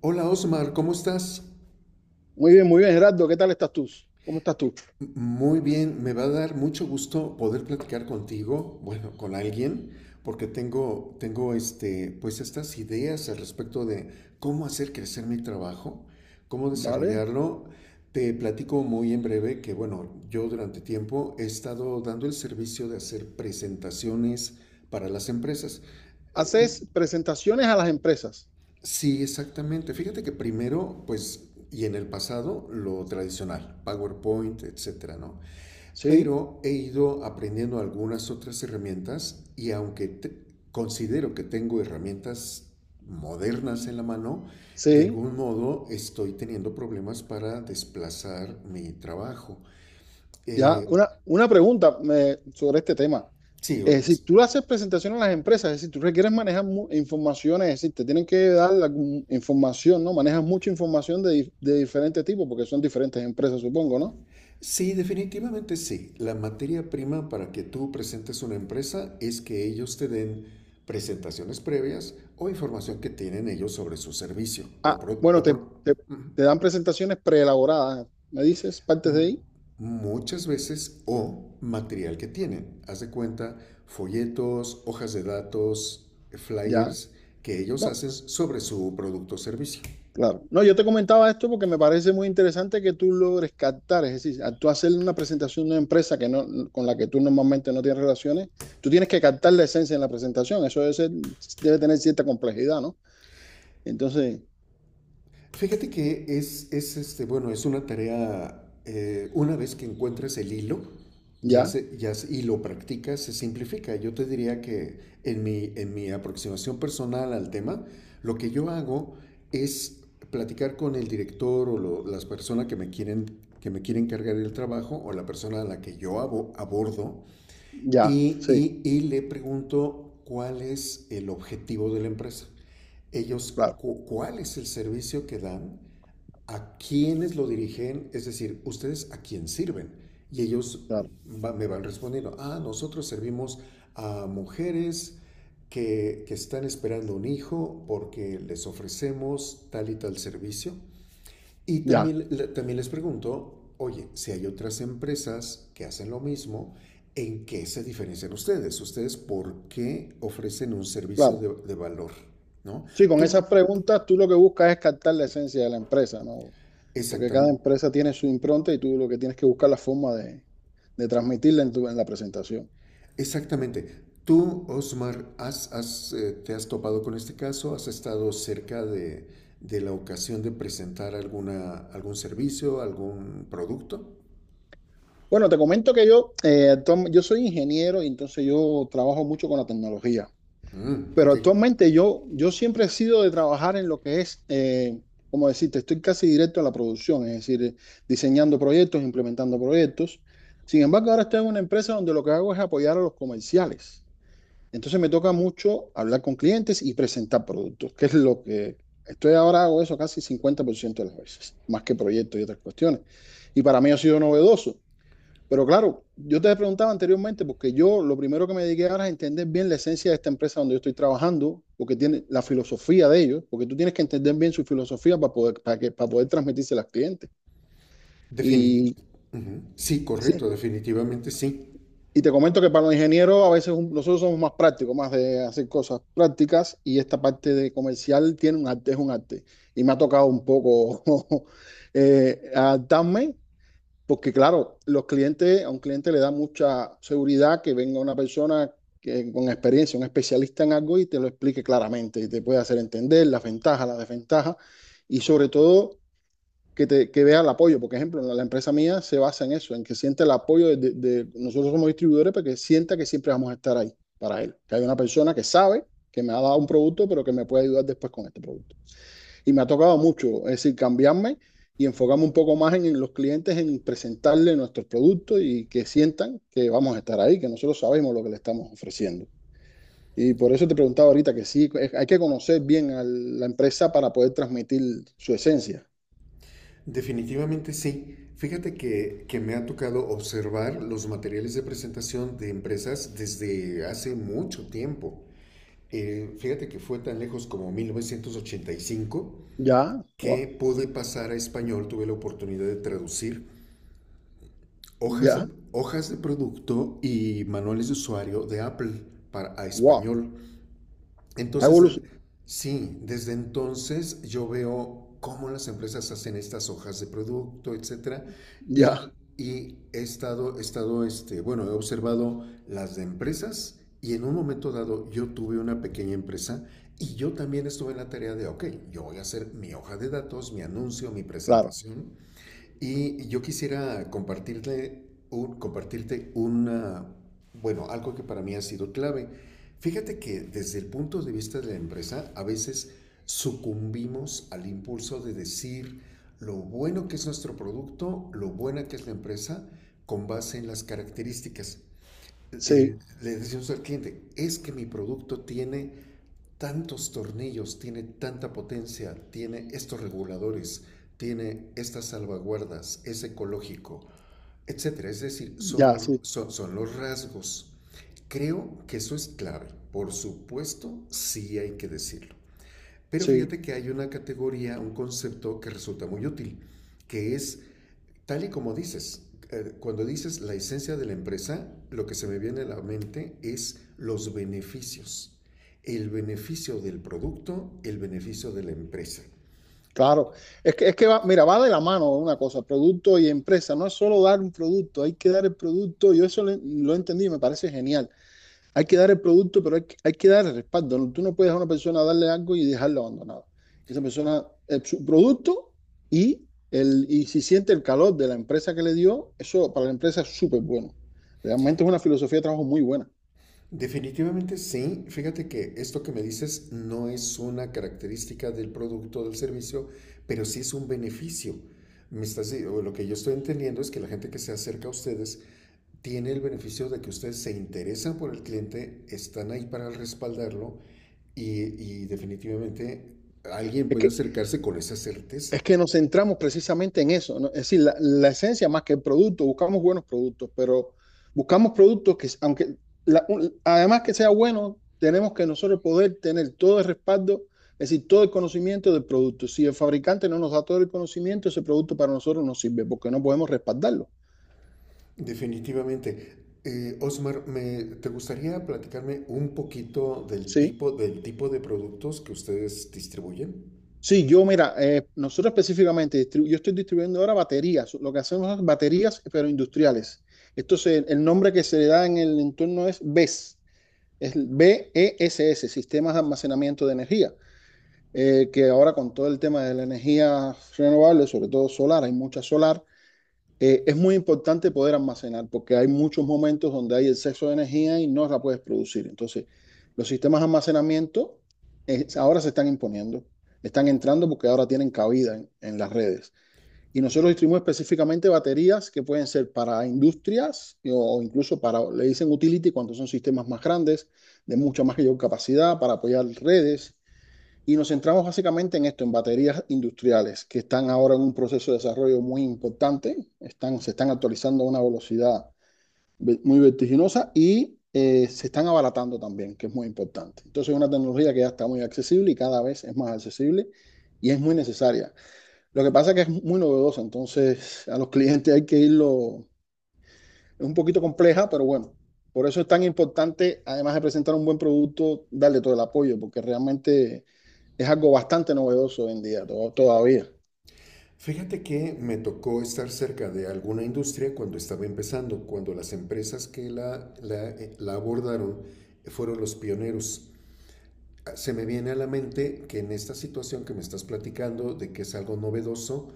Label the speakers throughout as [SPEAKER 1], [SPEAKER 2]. [SPEAKER 1] Hola Osmar, ¿cómo estás?
[SPEAKER 2] Muy bien, Gerardo. ¿Qué tal estás tú? ¿Cómo estás tú?
[SPEAKER 1] Muy bien, me va a dar mucho gusto poder platicar contigo, bueno, con alguien, porque pues estas ideas al respecto de cómo hacer crecer mi trabajo, cómo
[SPEAKER 2] ¿Vale?
[SPEAKER 1] desarrollarlo. Te platico muy en breve que, bueno, yo durante tiempo he estado dando el servicio de hacer presentaciones para las empresas. Eh,
[SPEAKER 2] Haces presentaciones a las empresas.
[SPEAKER 1] Sí, exactamente. Fíjate que primero, pues, y en el pasado, lo tradicional, PowerPoint, etcétera, ¿no?
[SPEAKER 2] Sí,
[SPEAKER 1] Pero he ido aprendiendo algunas otras herramientas y considero que tengo herramientas modernas en la mano, de
[SPEAKER 2] sí.
[SPEAKER 1] algún modo estoy teniendo problemas para desplazar mi trabajo.
[SPEAKER 2] Ya,
[SPEAKER 1] Eh,
[SPEAKER 2] una pregunta sobre este tema.
[SPEAKER 1] sí, o-
[SPEAKER 2] Es decir, tú le haces presentaciones a las empresas, es decir, tú requieres manejar informaciones, es decir, te tienen que dar la información, ¿no? Manejas mucha información de diferentes tipos, porque son diferentes empresas, supongo, ¿no?
[SPEAKER 1] Sí, definitivamente sí. La materia prima para que tú presentes una empresa es que ellos te den presentaciones previas o información que tienen ellos sobre su servicio o,
[SPEAKER 2] Ah,
[SPEAKER 1] pro-
[SPEAKER 2] bueno,
[SPEAKER 1] o pro-
[SPEAKER 2] te, te dan presentaciones preelaboradas, ¿me dices? Partes
[SPEAKER 1] m-
[SPEAKER 2] de ahí,
[SPEAKER 1] muchas veces o material que tienen. Haz de cuenta, folletos, hojas de datos,
[SPEAKER 2] ya.
[SPEAKER 1] flyers que ellos
[SPEAKER 2] No,
[SPEAKER 1] hacen sobre su producto o servicio.
[SPEAKER 2] claro. No, yo te comentaba esto porque me parece muy interesante que tú logres captar, es decir, al tú hacer una presentación de una empresa que no, con la que tú normalmente no tienes relaciones, tú tienes que captar la esencia en la presentación. Eso debe tener cierta complejidad, ¿no? Entonces,
[SPEAKER 1] Fíjate que bueno, es una tarea, una vez que encuentras el hilo
[SPEAKER 2] ya,
[SPEAKER 1] y lo practicas, se simplifica. Yo te diría que en mi aproximación personal al tema, lo que yo hago es platicar con el director o las personas que me quieren cargar el trabajo o la persona a la que yo abordo
[SPEAKER 2] ya,
[SPEAKER 1] y,
[SPEAKER 2] sí,
[SPEAKER 1] y- y le pregunto cuál es el objetivo de la empresa. Ellos,
[SPEAKER 2] claro,
[SPEAKER 1] ¿cuál es el servicio que dan?, a quienes lo dirigen, es decir, ustedes a quién sirven. Y ellos
[SPEAKER 2] claro,
[SPEAKER 1] me van respondiendo, ah, nosotros servimos a mujeres que están esperando un hijo porque les ofrecemos tal y tal servicio. Y
[SPEAKER 2] ya,
[SPEAKER 1] también les pregunto, oye, si hay otras empresas que hacen lo mismo, ¿en qué se diferencian ustedes? ¿Ustedes por qué ofrecen un servicio
[SPEAKER 2] claro.
[SPEAKER 1] de valor? ¿No?
[SPEAKER 2] Sí, con
[SPEAKER 1] Tú,
[SPEAKER 2] esas preguntas tú lo que buscas es captar la esencia de la empresa, ¿no? Porque cada
[SPEAKER 1] exactamente.
[SPEAKER 2] empresa tiene su impronta y tú lo que tienes que buscar la forma de transmitirla en la presentación.
[SPEAKER 1] Exactamente. Tú, Osmar, te has topado con este caso, has estado cerca de la ocasión de presentar alguna, algún servicio, algún producto.
[SPEAKER 2] Bueno, te comento que yo soy ingeniero y entonces yo trabajo mucho con la tecnología.
[SPEAKER 1] Mm,
[SPEAKER 2] Pero
[SPEAKER 1] ok.
[SPEAKER 2] actualmente yo siempre he sido de trabajar en lo que es, como decirte, estoy casi directo a la producción, es decir, diseñando proyectos, implementando proyectos. Sin embargo, ahora estoy en una empresa donde lo que hago es apoyar a los comerciales. Entonces me toca mucho hablar con clientes y presentar productos, que es lo que estoy ahora, hago eso casi 50% de las veces, más que proyectos y otras cuestiones. Y para mí ha sido novedoso. Pero claro, yo te preguntaba anteriormente, porque yo lo primero que me dediqué ahora es entender bien la esencia de esta empresa donde yo estoy trabajando, porque tiene la filosofía de ellos, porque tú tienes que entender bien su filosofía para poder, para que, para poder transmitirse a los clientes.
[SPEAKER 1] Defini-
[SPEAKER 2] Y
[SPEAKER 1] Ujú. Sí, correcto,
[SPEAKER 2] sí,
[SPEAKER 1] definitivamente sí.
[SPEAKER 2] y te comento que para los ingenieros a veces nosotros somos más prácticos, más de hacer cosas prácticas, y esta parte de comercial tiene un arte, es un arte. Y me ha tocado un poco adaptarme. Porque claro, los clientes, a un cliente le da mucha seguridad que venga una persona que, con experiencia, un especialista en algo y te lo explique claramente y te puede hacer entender las ventajas, las desventajas y sobre todo que vea el apoyo. Por ejemplo, la empresa mía se basa en eso, en que siente el apoyo nosotros somos distribuidores, pero que sienta que siempre vamos a estar ahí para él. Que hay una persona que sabe que me ha dado un producto, pero que me puede ayudar después con este producto. Y me ha tocado mucho, es decir, cambiarme y enfocarme un poco más en los clientes, en presentarles nuestros productos y que sientan que vamos a estar ahí, que nosotros sabemos lo que le estamos ofreciendo. Y por eso te preguntaba ahorita que sí, hay que conocer bien a la empresa para poder transmitir su esencia.
[SPEAKER 1] Definitivamente sí. Fíjate que me ha tocado observar los materiales de presentación de empresas desde hace mucho tiempo. Fíjate que fue tan lejos como 1985
[SPEAKER 2] Ya,
[SPEAKER 1] que
[SPEAKER 2] wow,
[SPEAKER 1] pude pasar a español, tuve la oportunidad de traducir hojas de,
[SPEAKER 2] ya,
[SPEAKER 1] hojas de producto y manuales de usuario de Apple para, a
[SPEAKER 2] wow,
[SPEAKER 1] español.
[SPEAKER 2] ha
[SPEAKER 1] Entonces,
[SPEAKER 2] evolucionado.
[SPEAKER 1] sí, desde entonces yo veo cómo las empresas hacen estas hojas de producto, etcétera,
[SPEAKER 2] Ya,
[SPEAKER 1] y bueno, he observado las de empresas y en un momento dado yo tuve una pequeña empresa y yo también estuve en la tarea de, ok, yo voy a hacer mi hoja de datos, mi anuncio, mi
[SPEAKER 2] claro,
[SPEAKER 1] presentación y yo quisiera compartirte una, bueno, algo que para mí ha sido clave. Fíjate que desde el punto de vista de la empresa, a veces sucumbimos al impulso de decir lo bueno que es nuestro producto, lo buena que es la empresa, con base en las características.
[SPEAKER 2] sí,
[SPEAKER 1] Le decimos al cliente, es que mi producto tiene tantos tornillos, tiene tanta potencia, tiene estos reguladores, tiene estas salvaguardas, es ecológico, etcétera. Es decir, son
[SPEAKER 2] ya,
[SPEAKER 1] los,
[SPEAKER 2] sí,
[SPEAKER 1] son, son los rasgos. Creo que eso es clave. Por supuesto, sí hay que decirlo. Pero
[SPEAKER 2] sí.
[SPEAKER 1] fíjate que hay una categoría, un concepto que resulta muy útil, que es. Tal y como dices, cuando dices la esencia de la empresa, lo que se me viene a la mente es los beneficios. El beneficio del producto, el beneficio de la empresa.
[SPEAKER 2] Claro, es que va, mira, va de la mano una cosa, producto y empresa, no es solo dar un producto, hay que dar el producto, yo eso lo entendí y me parece genial, hay que dar el producto, pero hay que dar el respaldo, ¿no? Tú no puedes a una persona darle algo y dejarla abandonada, esa persona, su producto y, y si siente el calor de la empresa que le dio, eso para la empresa es súper bueno, realmente es una filosofía de trabajo muy buena.
[SPEAKER 1] Definitivamente sí. Fíjate que esto que me dices no es una característica del producto o del servicio, pero sí es un beneficio. O lo que yo estoy entendiendo es que la gente que se acerca a ustedes tiene el beneficio de que ustedes se interesan por el cliente, están ahí para respaldarlo y definitivamente alguien
[SPEAKER 2] Es
[SPEAKER 1] puede
[SPEAKER 2] que
[SPEAKER 1] acercarse con esa certeza.
[SPEAKER 2] Es que nos centramos precisamente en eso, ¿no? Es decir, la esencia más que el producto, buscamos buenos productos, pero buscamos productos que, aunque, además que sea bueno, tenemos que nosotros poder tener todo el respaldo, es decir, todo el conocimiento del producto. Si el fabricante no nos da todo el conocimiento, ese producto para nosotros no sirve porque no podemos respaldarlo,
[SPEAKER 1] Definitivamente. Osmar, me, ¿te gustaría platicarme un poquito
[SPEAKER 2] ¿sí?
[SPEAKER 1] del tipo de productos que ustedes distribuyen?
[SPEAKER 2] Sí, yo, mira, nosotros específicamente, yo estoy distribuyendo ahora baterías, lo que hacemos es baterías, pero industriales. Entonces, el nombre que se le da en el entorno es BES. Es el BESS, Sistemas de Almacenamiento de Energía, que ahora con todo el tema de la energía renovable, sobre todo solar, hay mucha solar, es muy importante poder almacenar porque hay muchos momentos donde hay exceso de energía y no la puedes producir. Entonces, los sistemas de almacenamiento ahora se están imponiendo, están entrando porque ahora tienen cabida en las redes. Y nosotros distribuimos específicamente baterías que pueden ser para industrias o incluso para, le dicen utility cuando son sistemas más grandes, de mucha mayor capacidad para apoyar redes. Y nos centramos básicamente en esto, en baterías industriales, que están ahora en un proceso de desarrollo muy importante, se están actualizando a una velocidad muy vertiginosa y se están abaratando también, que es muy importante. Entonces es una tecnología que ya está muy accesible y cada vez es más accesible y es muy necesaria. Lo que pasa es que es muy novedosa, entonces a los clientes hay que irlo, es un poquito compleja, pero bueno, por eso es tan importante, además de presentar un buen producto, darle todo el apoyo, porque realmente es algo bastante novedoso hoy en día, todavía.
[SPEAKER 1] Fíjate que me tocó estar cerca de alguna industria cuando estaba empezando, cuando las empresas que la abordaron fueron los pioneros. Se me viene a la mente que en esta situación que me estás platicando, de que es algo novedoso,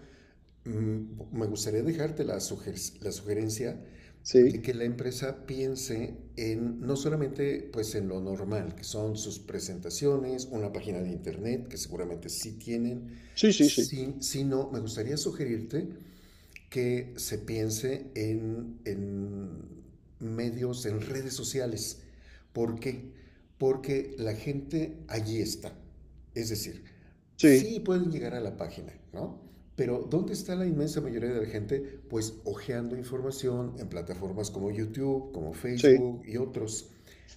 [SPEAKER 1] mm, me gustaría dejarte la sugerencia de
[SPEAKER 2] Sí,
[SPEAKER 1] que la empresa piense en no solamente pues en lo normal, que son sus presentaciones, una página de internet que seguramente sí tienen,
[SPEAKER 2] sí, sí, sí,
[SPEAKER 1] sí, sino me gustaría sugerirte que se piense en medios, en redes sociales. ¿Por qué? Porque la gente allí está. Es decir,
[SPEAKER 2] sí,
[SPEAKER 1] sí pueden llegar a la página, ¿no? Pero ¿dónde está la inmensa mayoría de la gente? Pues hojeando información en plataformas como YouTube, como
[SPEAKER 2] sí,
[SPEAKER 1] Facebook y otros.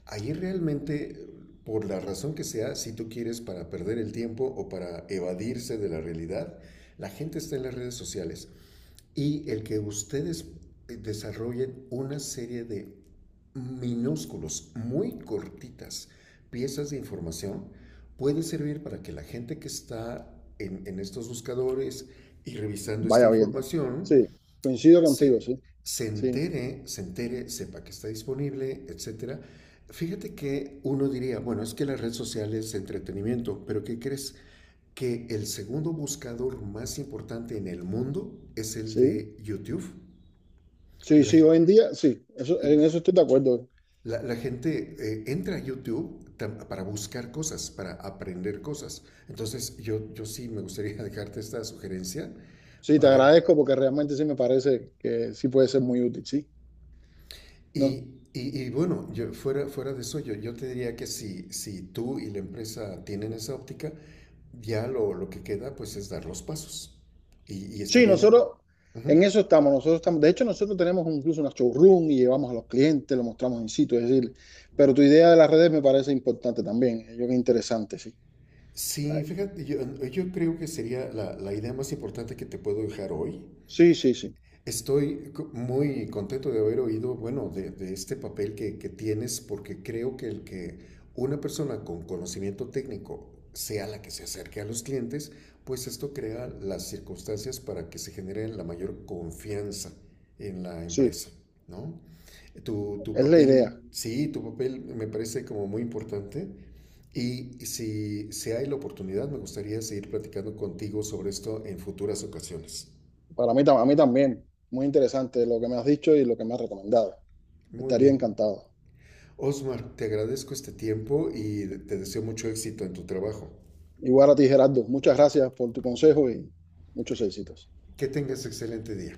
[SPEAKER 1] Ahí realmente, por la razón que sea, si tú quieres para perder el tiempo o para evadirse de la realidad, la gente está en las redes sociales y el que ustedes desarrollen una serie de minúsculos, muy cortitas piezas de información puede servir para que la gente que está en estos buscadores y revisando esta
[SPEAKER 2] vaya viendo.
[SPEAKER 1] información
[SPEAKER 2] Sí, coincido contigo,
[SPEAKER 1] se,
[SPEAKER 2] sí,
[SPEAKER 1] se
[SPEAKER 2] sí,
[SPEAKER 1] entere, sepa que está disponible, etcétera. Fíjate que uno diría, bueno, es que las redes sociales es entretenimiento, pero ¿qué crees? Que el segundo buscador más importante en el mundo es el
[SPEAKER 2] sí,
[SPEAKER 1] de YouTube.
[SPEAKER 2] sí,
[SPEAKER 1] La,
[SPEAKER 2] sí, hoy en día, sí, eso, en eso estoy de acuerdo.
[SPEAKER 1] la gente entra a YouTube para buscar cosas, para aprender cosas. Entonces yo sí me gustaría dejarte esta sugerencia
[SPEAKER 2] Sí, te
[SPEAKER 1] para...
[SPEAKER 2] agradezco porque realmente sí me parece que sí puede ser muy útil, sí.
[SPEAKER 1] Y,
[SPEAKER 2] No,
[SPEAKER 1] y- y bueno, fuera de eso, yo te diría que si tú y la empresa tienen esa óptica, ya lo que queda pues es dar los pasos. Y
[SPEAKER 2] sí,
[SPEAKER 1] estarían...
[SPEAKER 2] nosotros en
[SPEAKER 1] Ujú.
[SPEAKER 2] eso estamos, nosotros estamos, de hecho nosotros tenemos incluso una showroom y llevamos a los clientes, lo mostramos en sitio, es decir, pero tu idea de las redes me parece importante también, yo creo que interesante, sí. Ay,
[SPEAKER 1] Sí, fíjate, yo creo que sería la idea más importante que te puedo dejar hoy.
[SPEAKER 2] sí, sí, sí,
[SPEAKER 1] Estoy muy contento de haber oído, bueno, de este papel que tienes, porque creo que el que una persona con conocimiento técnico sea la que se acerque a los clientes, pues esto crea las circunstancias para que se genere la mayor confianza en la
[SPEAKER 2] sí,
[SPEAKER 1] empresa, ¿no? Tu
[SPEAKER 2] es la idea,
[SPEAKER 1] papel, sí, tu papel me parece como muy importante. Y si hay la oportunidad, me gustaría seguir platicando contigo sobre esto en futuras ocasiones.
[SPEAKER 2] para mí, a mí también, muy interesante lo que me has dicho y lo que me has recomendado,
[SPEAKER 1] Muy
[SPEAKER 2] estaría
[SPEAKER 1] bien.
[SPEAKER 2] encantado.
[SPEAKER 1] Osmar, te agradezco este tiempo y te deseo mucho éxito en tu trabajo.
[SPEAKER 2] Igual a ti, Gerardo, muchas gracias por tu consejo y muchos éxitos.
[SPEAKER 1] Que tengas excelente día.